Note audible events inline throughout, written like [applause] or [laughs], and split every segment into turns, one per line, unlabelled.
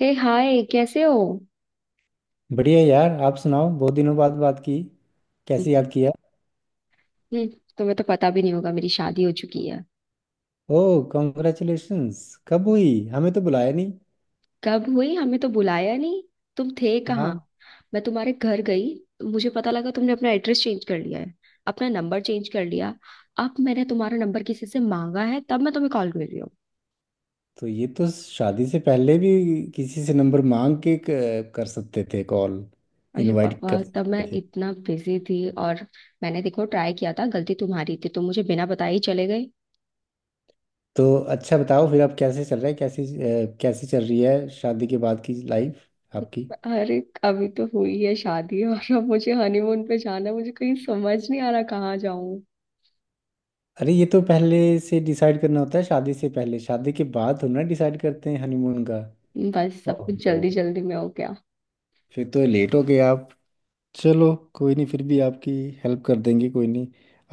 हे hi, कैसे हो?
बढ़िया यार आप सुनाओ बहुत दिनों बाद बात की। कैसे
हम्म।
याद किया।
तुम्हें तो पता भी नहीं होगा, मेरी शादी हो चुकी है।
ओह कॉन्ग्रेचुलेशंस। कब हुई हमें तो बुलाया नहीं।
कब हुई, हमें तो बुलाया नहीं। तुम थे कहाँ?
हाँ।
मैं तुम्हारे घर गई तो मुझे पता लगा तुमने अपना एड्रेस चेंज कर लिया है। अपना नंबर चेंज कर लिया। अब मैंने तुम्हारा नंबर किसी से मांगा है तब मैं तुम्हें कॉल कर रही हूँ।
तो ये तो शादी से पहले भी किसी से नंबर मांग के कर सकते थे कॉल।
अरे
इनवाइट
बाबा,
कर
तब मैं
सकते थे।
इतना बिजी थी। और मैंने देखो ट्राई किया था, गलती तुम्हारी थी, तुम मुझे बिना बताए ही चले गए।
तो अच्छा बताओ फिर अब कैसे चल रहा है, कैसी चल रही है शादी के बाद की लाइफ आपकी।
अरे। अभी तो हुई है शादी और अब मुझे हनीमून पे जाना है, मुझे कहीं समझ नहीं आ रहा कहाँ जाऊँ।
अरे ये तो पहले से डिसाइड करना होता है शादी से पहले, शादी के बाद थोड़ी ना डिसाइड करते हैं हनीमून का।
बस सब कुछ
ओहो।
जल्दी जल्दी में हो गया।
फिर तो लेट हो गए आप। चलो कोई नहीं, फिर भी आपकी हेल्प कर देंगे, कोई नहीं।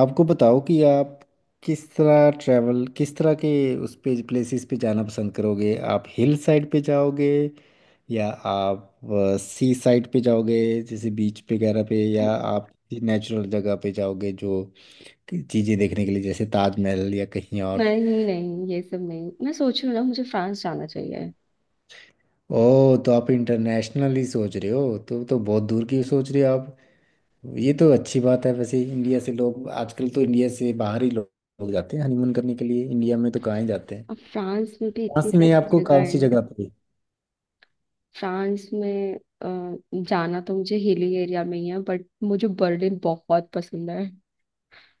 आपको बताओ कि आप किस तरह ट्रैवल, किस तरह के उस पे प्लेसेस पे जाना पसंद करोगे। आप हिल साइड पे जाओगे या आप सी साइड पे जाओगे जैसे बीच वगैरह पे, या आप नेचुरल जगह पे जाओगे जो चीज़ें देखने के लिए, जैसे ताजमहल या कहीं और।
नहीं नहीं, ये सब नहीं। मैं सोच रही हूँ ना, मुझे फ्रांस जाना चाहिए।
ओ तो आप इंटरनेशनली सोच रहे हो, तो बहुत दूर की सोच रहे हो आप। ये तो अच्छी बात है, वैसे इंडिया से लोग आजकल तो इंडिया से बाहर ही लोग लोग जाते हैं हनीमून करने के लिए, इंडिया में तो कहाँ ही जाते हैं।
अब फ्रांस में भी इतनी
फ्रांस में
सारी
आपको
जगह
कौन सी
है।
जगह पे।
फ्रांस में अ, जाना तो मुझे हिली एरिया में ही है, बट मुझे बर्लिन बहुत पसंद है।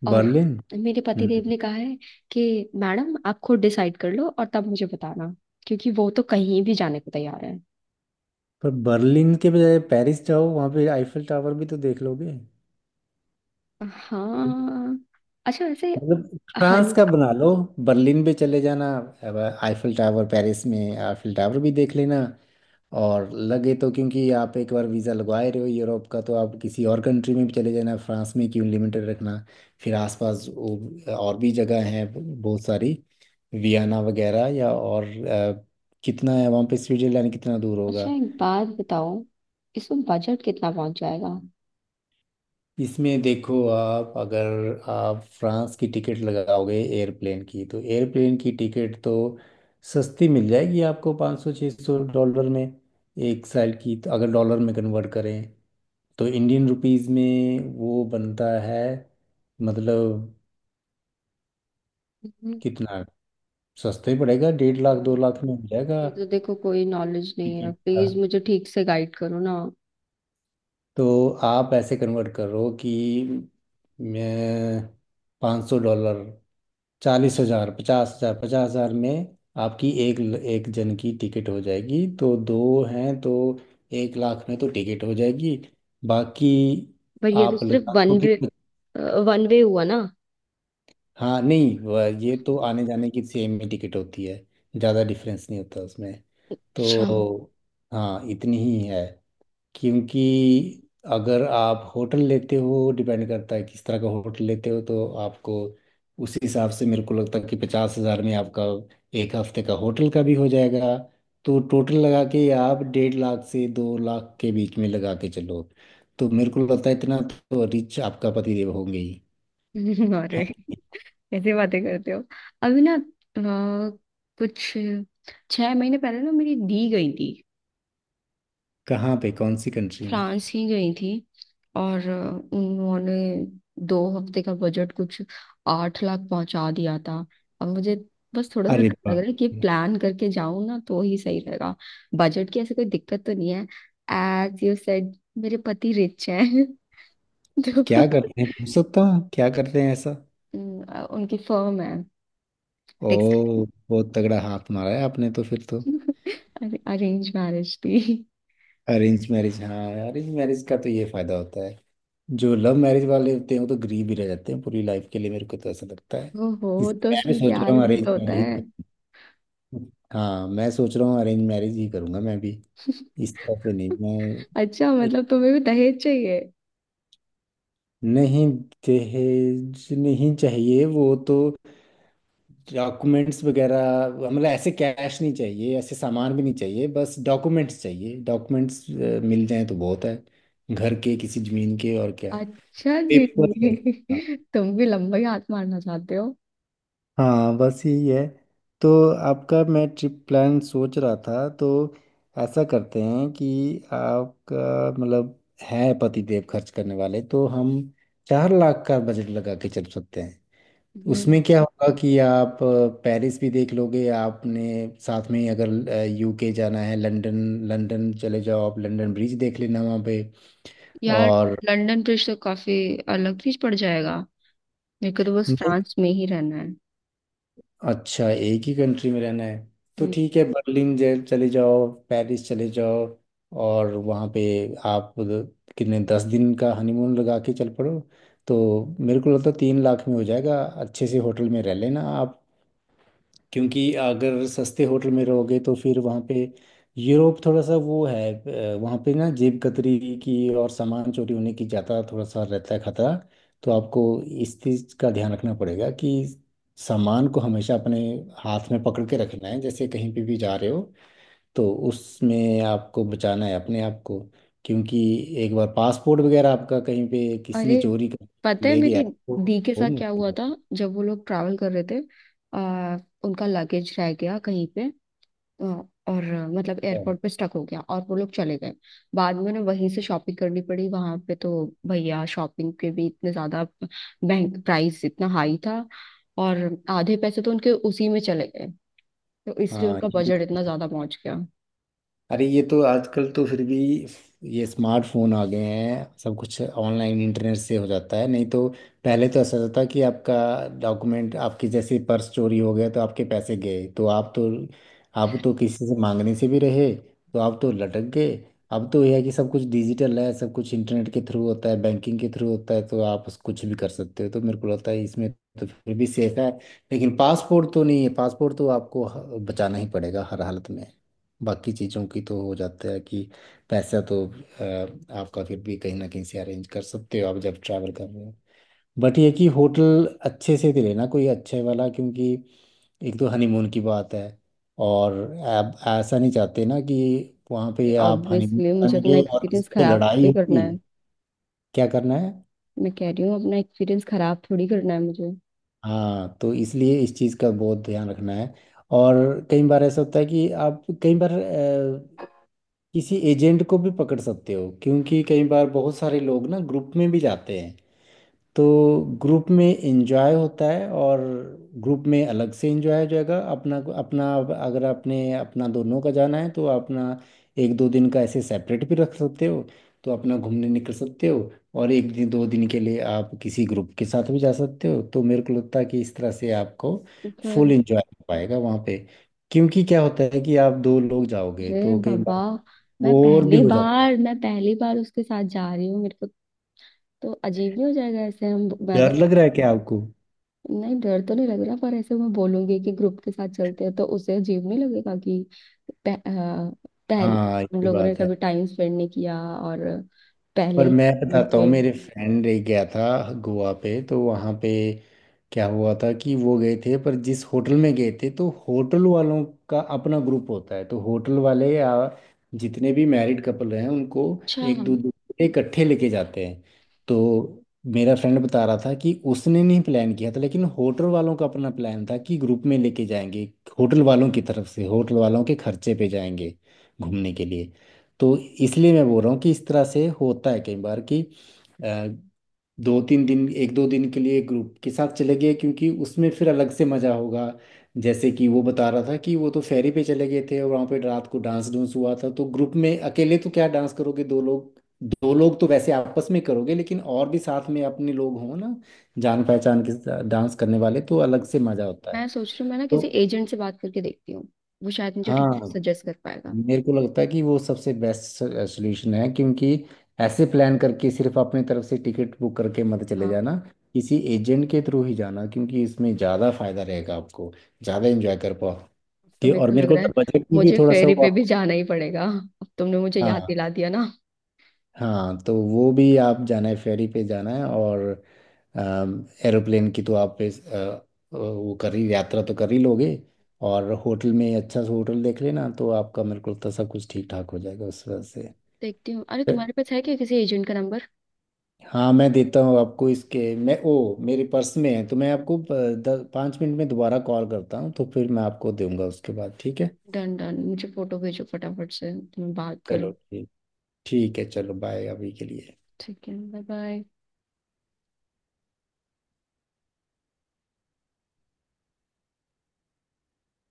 और
बर्लिन।
मेरे पतिदेव
हम्म।
ने कहा है कि मैडम आप खुद डिसाइड कर लो और तब मुझे बताना, क्योंकि वो तो कहीं भी जाने को तैयार है।
पर बर्लिन के बजाय पेरिस जाओ, वहाँ पे आईफिल टावर भी तो देख लोगे।
हाँ। अच्छा वैसे।
मतलब फ्रांस का बना लो, बर्लिन भी चले जाना। अब आईफिल टावर, पेरिस में आईफिल टावर भी देख लेना। और लगे तो, क्योंकि आप एक बार वीज़ा लगवाए रहे हो यूरोप का, तो आप किसी और कंट्री में भी चले जाना। फ्रांस में क्यों लिमिटेड रखना। फिर आसपास और भी जगह हैं बहुत सारी, वियना वगैरह या और कितना है वहाँ पे, स्विट्जरलैंड कितना दूर होगा।
अच्छा, एक बात बताओ, इसमें बजट कितना पहुंच जाएगा?
इसमें देखो, आप अगर आप फ्रांस की टिकट लगाओगे एयरप्लेन की, तो एयरप्लेन की टिकट तो सस्ती मिल जाएगी आपको 500 सौ $600 में, एक साल की। तो अगर डॉलर में कन्वर्ट करें तो इंडियन रुपीस में वो बनता है, मतलब
हम्म,
कितना, सस्ते पड़ेगा, डेढ़ लाख
यार,
दो लाख में हो जाएगा
मुझे तो देखो कोई नॉलेज नहीं है,
टिकट का।
प्लीज मुझे ठीक से गाइड करो ना।
तो आप ऐसे कन्वर्ट करो कि मैं, $500, 40 हजार 50 हजार 50 हजार में आपकी एक एक जन की टिकट हो जाएगी, तो दो हैं तो 1 लाख में तो टिकट हो जाएगी। बाकी
पर ये तो
आप
सिर्फ
लगा लो
वन
कि,
वे। वन वे हुआ ना?
हाँ नहीं ये तो आने जाने की सेम ही टिकट होती है, ज़्यादा डिफरेंस नहीं होता उसमें। तो
अच्छा।
हाँ इतनी ही है। क्योंकि अगर आप होटल लेते हो, डिपेंड करता है किस तरह का होटल लेते हो, तो आपको उसी हिसाब से मेरे को लगता है कि 50 हज़ार में आपका 1 हफ्ते का होटल का भी हो जाएगा। तो टोटल लगा के आप 1.5 लाख से 2 लाख के बीच में लगा के चलो। तो मेरे को लगता है इतना तो रिच आपका पतिदेव होंगे ही।
[laughs]
है।
अरे, ऐसी बातें करते हो। अभी ना कुछ 6 महीने पहले ना मेरी दी गई थी।
कहाँ पे, कौन सी कंट्री में।
फ्रांस ही गई थी। और उन्होंने 2 हफ्ते का बजट कुछ 8 लाख पहुंचा दिया था। अब मुझे बस थोड़ा सा
अरे
डर लग
वाह।
रहा है कि प्लान करके जाऊं ना तो ही सही रहेगा। बजट की ऐसे कोई दिक्कत तो नहीं है, एज यू सेड, मेरे पति रिच हैं। [laughs]
क्या
तो
करते हैं, पूछ सकता हूँ क्या करते हैं ऐसा।
उनकी फर्म है, टेक्सटाइल।
ओ। बहुत तगड़ा हाथ मारा है आपने तो, फिर तो।
अरेंज मैरिज थी।
अरेंज मैरिज, हाँ, अरेंज मैरिज का तो ये फायदा होता है। जो लव मैरिज वाले होते हैं वो तो गरीब ही रह जाते हैं पूरी लाइफ के लिए, मेरे को तो ऐसा लगता है।
[laughs] ओहो, तो
इसलिए मैं भी
उसमें
सोच रहा
प्यार
हूँ
भी
अरेंज
तो होता है।
मैरिज। हाँ मैं सोच रहा हूँ अरेंज मैरिज ही करूंगा मैं भी।
[laughs]
इस तरह से नहीं मैं,
अच्छा
एक-
मतलब तुम्हें भी दहेज चाहिए?
नहीं, दहेज नहीं चाहिए वो तो, डॉक्यूमेंट्स वगैरह, मतलब ऐसे कैश नहीं चाहिए, ऐसे सामान भी नहीं चाहिए, बस डॉक्यूमेंट्स चाहिए। डॉक्यूमेंट्स मिल जाएं तो बहुत है, घर के किसी जमीन के और क्या
अच्छा जी,
पेपर है। हाँ।
[laughs] तुम भी लंबा ही हाथ मारना चाहते हो।
हाँ, बस यही है। तो आपका मैं ट्रिप प्लान सोच रहा था, तो ऐसा करते हैं कि आपका मतलब है पति देव खर्च करने वाले, तो हम 4 लाख का बजट लगा के चल सकते हैं।
हम्म।
उसमें क्या होगा कि आप पेरिस भी देख लोगे। आपने साथ में ही अगर यूके जाना है, लंदन, लंदन चले जाओ आप, लंदन ब्रिज देख लेना वहाँ पे।
यार,
और
लंदन ब्रिज तो काफी अलग चीज पड़ जाएगा। मेरे को तो बस फ्रांस में ही रहना है।
अच्छा एक ही कंट्री में रहना है, तो
हम्म।
ठीक है, बर्लिन चले जाओ, पेरिस चले जाओ। और वहाँ पे आप उधर कितने, 10 दिन का हनीमून लगा के चल पड़ो। तो मेरे को लगता है 3 लाख में हो जाएगा, अच्छे से होटल में रह लेना आप। क्योंकि अगर सस्ते होटल में रहोगे तो फिर वहाँ पे यूरोप थोड़ा सा वो है, वहाँ पे ना जेब कतरी की और सामान चोरी होने की ज़्यादा थोड़ा सा रहता है खतरा। तो आपको इस चीज़ का ध्यान रखना पड़ेगा कि सामान को हमेशा अपने हाथ में पकड़ के रखना है, जैसे कहीं पे भी जा रहे हो, तो उसमें आपको बचाना है अपने आप को। क्योंकि एक बार पासपोर्ट वगैरह आपका कहीं पे किसी ने
अरे,
चोरी कर
पता है
ले गया
मेरी
तो
दी के
बहुत
साथ क्या
मुश्किल
हुआ था
होता
जब वो लोग ट्रैवल कर रहे थे। आ, उनका लगेज रह गया कहीं पे, अ, और मतलब
है।
एयरपोर्ट पे स्टक हो गया और वो लोग चले गए। बाद में उन्हें वहीं से शॉपिंग करनी पड़ी, वहां पे तो भैया शॉपिंग के भी इतने ज्यादा बैंक प्राइस इतना हाई था। और आधे पैसे तो उनके उसी में चले गए। तो इसलिए
हाँ,
उनका बजट इतना ज्यादा पहुंच गया।
अरे ये तो आजकल तो फिर भी ये स्मार्टफोन आ गए हैं, सब कुछ ऑनलाइन इंटरनेट से हो जाता है। नहीं तो पहले तो ऐसा होता था कि आपका डॉक्यूमेंट, आपकी जैसे पर्स चोरी हो गया तो आपके पैसे गए, तो आप तो, आप तो किसी से मांगने से भी रहे, तो आप तो लटक गए। अब तो यह है कि सब कुछ डिजिटल है, सब कुछ इंटरनेट के थ्रू होता है, बैंकिंग के थ्रू होता है, तो आप कुछ भी कर सकते हो। तो मेरे को लगता है इसमें तो फिर भी सेफ है। लेकिन पासपोर्ट तो नहीं है, पासपोर्ट तो आपको बचाना ही पड़ेगा हर हालत में। बाकी चीज़ों की तो हो जाता है कि पैसा तो आपका फिर भी कहीं ना कहीं से अरेंज कर सकते हो, आप जब ट्रैवल कर रहे हो। बट ये कि होटल अच्छे से दे लेना कोई अच्छे वाला, क्योंकि एक तो हनीमून की बात है और आप ऐसा नहीं चाहते ना कि वहाँ पे आप हनीमून
ऑब्वियसली मुझे अपना
करेंगे और किसी
एक्सपीरियंस
से
खराब
लड़ाई
थोड़ी करना
होगी।
है।
क्या करना है।
मैं कह रही हूँ अपना एक्सपीरियंस खराब थोड़ी करना है मुझे।
हाँ तो इसलिए इस चीज़ का बहुत ध्यान रखना है। और कई बार ऐसा होता है कि आप कई बार किसी एजेंट को भी पकड़ सकते हो, क्योंकि कई बार बहुत सारे लोग ना ग्रुप में भी जाते हैं। तो ग्रुप में एंजॉय होता है, और ग्रुप में अलग से एंजॉय हो जाएगा अपना अपना। अगर आपने अपना दोनों का जाना है तो अपना एक दो दिन का ऐसे सेपरेट भी रख सकते हो, तो अपना घूमने निकल सकते हो, और एक दिन दो दिन के लिए आप किसी ग्रुप के साथ भी जा सकते हो। तो मेरे को लगता है कि इस तरह से आपको फुल
पर
एंजॉय हो पाएगा वहाँ पे। क्योंकि क्या होता है कि आप दो लोग जाओगे
अरे
तो कई
बाबा,
बार
मैं
और भी
पहली
हो जाते हैं।
बार मैं पहली बार उसके साथ जा रही हूँ, मेरे को तो अजीब नहीं हो जाएगा ऐसे? हम मैं
डर
अगर
लग रहा है क्या आपको।
नहीं, डर तो नहीं लग रहा, पर ऐसे मैं बोलूंगी कि ग्रुप के साथ चलते हैं तो उसे अजीब नहीं लगेगा कि पह, आ, पहले
हाँ
हम
ये
लोगों ने
बात है।
कभी टाइम स्पेंड नहीं किया और पहले
पर
ही
मैं
फोन
बताता हूँ,
पे।
मेरे फ्रेंड एक गया था गोवा पे, तो वहाँ पे क्या हुआ था कि वो गए थे, पर जिस होटल में गए थे तो होटल वालों का अपना ग्रुप होता है। तो होटल वाले या जितने भी मैरिड कपल हैं उनको
अच्छा,
एक दो दूसरे इकट्ठे लेके जाते हैं। तो मेरा फ्रेंड बता रहा था कि उसने नहीं प्लान किया था, लेकिन होटल वालों का अपना प्लान था कि ग्रुप में लेके जाएंगे, होटल वालों की तरफ से होटल वालों के खर्चे पे जाएंगे घूमने के लिए। तो इसलिए मैं बोल रहा हूँ कि इस तरह से होता है कई बार कि अ, दो तीन दिन, एक दो दिन के लिए ग्रुप के साथ चले गए, क्योंकि उसमें फिर अलग से मजा होगा। जैसे कि वो बता रहा था कि वो तो फेरी पे चले गए थे, और वहाँ पे रात को डांस डूंस हुआ था, तो ग्रुप में अकेले तो क्या डांस करोगे दो लोग। दो लोग तो वैसे आपस में करोगे, लेकिन और भी साथ में अपने लोग हों ना, जान पहचान के साथ डांस करने वाले तो अलग से मजा होता
मैं
है।
सोच रही हूँ मैं ना किसी
तो
एजेंट से बात करके देखती हूँ। वो शायद मुझे ठीक से
हाँ
सजेस्ट कर पाएगा।
मेरे को लगता है कि वो सबसे बेस्ट सोल्यूशन है, क्योंकि ऐसे प्लान करके सिर्फ अपनी तरफ से टिकट बुक करके मत चले
हाँ।
जाना। किसी एजेंट के थ्रू ही जाना, क्योंकि इसमें ज़्यादा फायदा रहेगा आपको, ज़्यादा एंजॉय कर
अब तो
पाओगे
मेरे
और
को
मेरे
लग
को
रहा है
तो बजट में भी
मुझे
थोड़ा सा
फेरी
वो
पे भी
आप।
जाना ही पड़ेगा। अब तुमने मुझे याद
हाँ।
दिला दिया ना।
हाँ तो वो भी आप, जाना है फेरी पे जाना है, और एरोप्लेन की तो आप वो कर ही, यात्रा तो कर ही लोगे। और होटल में अच्छा सा होटल देख लेना, तो आपका मेरे को लगता है सब कुछ ठीक ठाक हो जाएगा उस वजह
देखती हूँ, अरे
से।
तुम्हारे पास है क्या किसी एजेंट का नंबर?
हाँ मैं देता हूँ आपको, इसके मैं, ओ मेरे पर्स में है, तो मैं आपको 5 मिनट में दोबारा कॉल करता हूँ, तो फिर मैं आपको दूंगा उसके बाद। ठीक है
डन डन, मुझे फोटो भेजो फटाफट से तो मैं बात
चलो।
करूँ।
ठीक, ठीक है, चलो बाय अभी के लिए।
ठीक है, बाय बाय।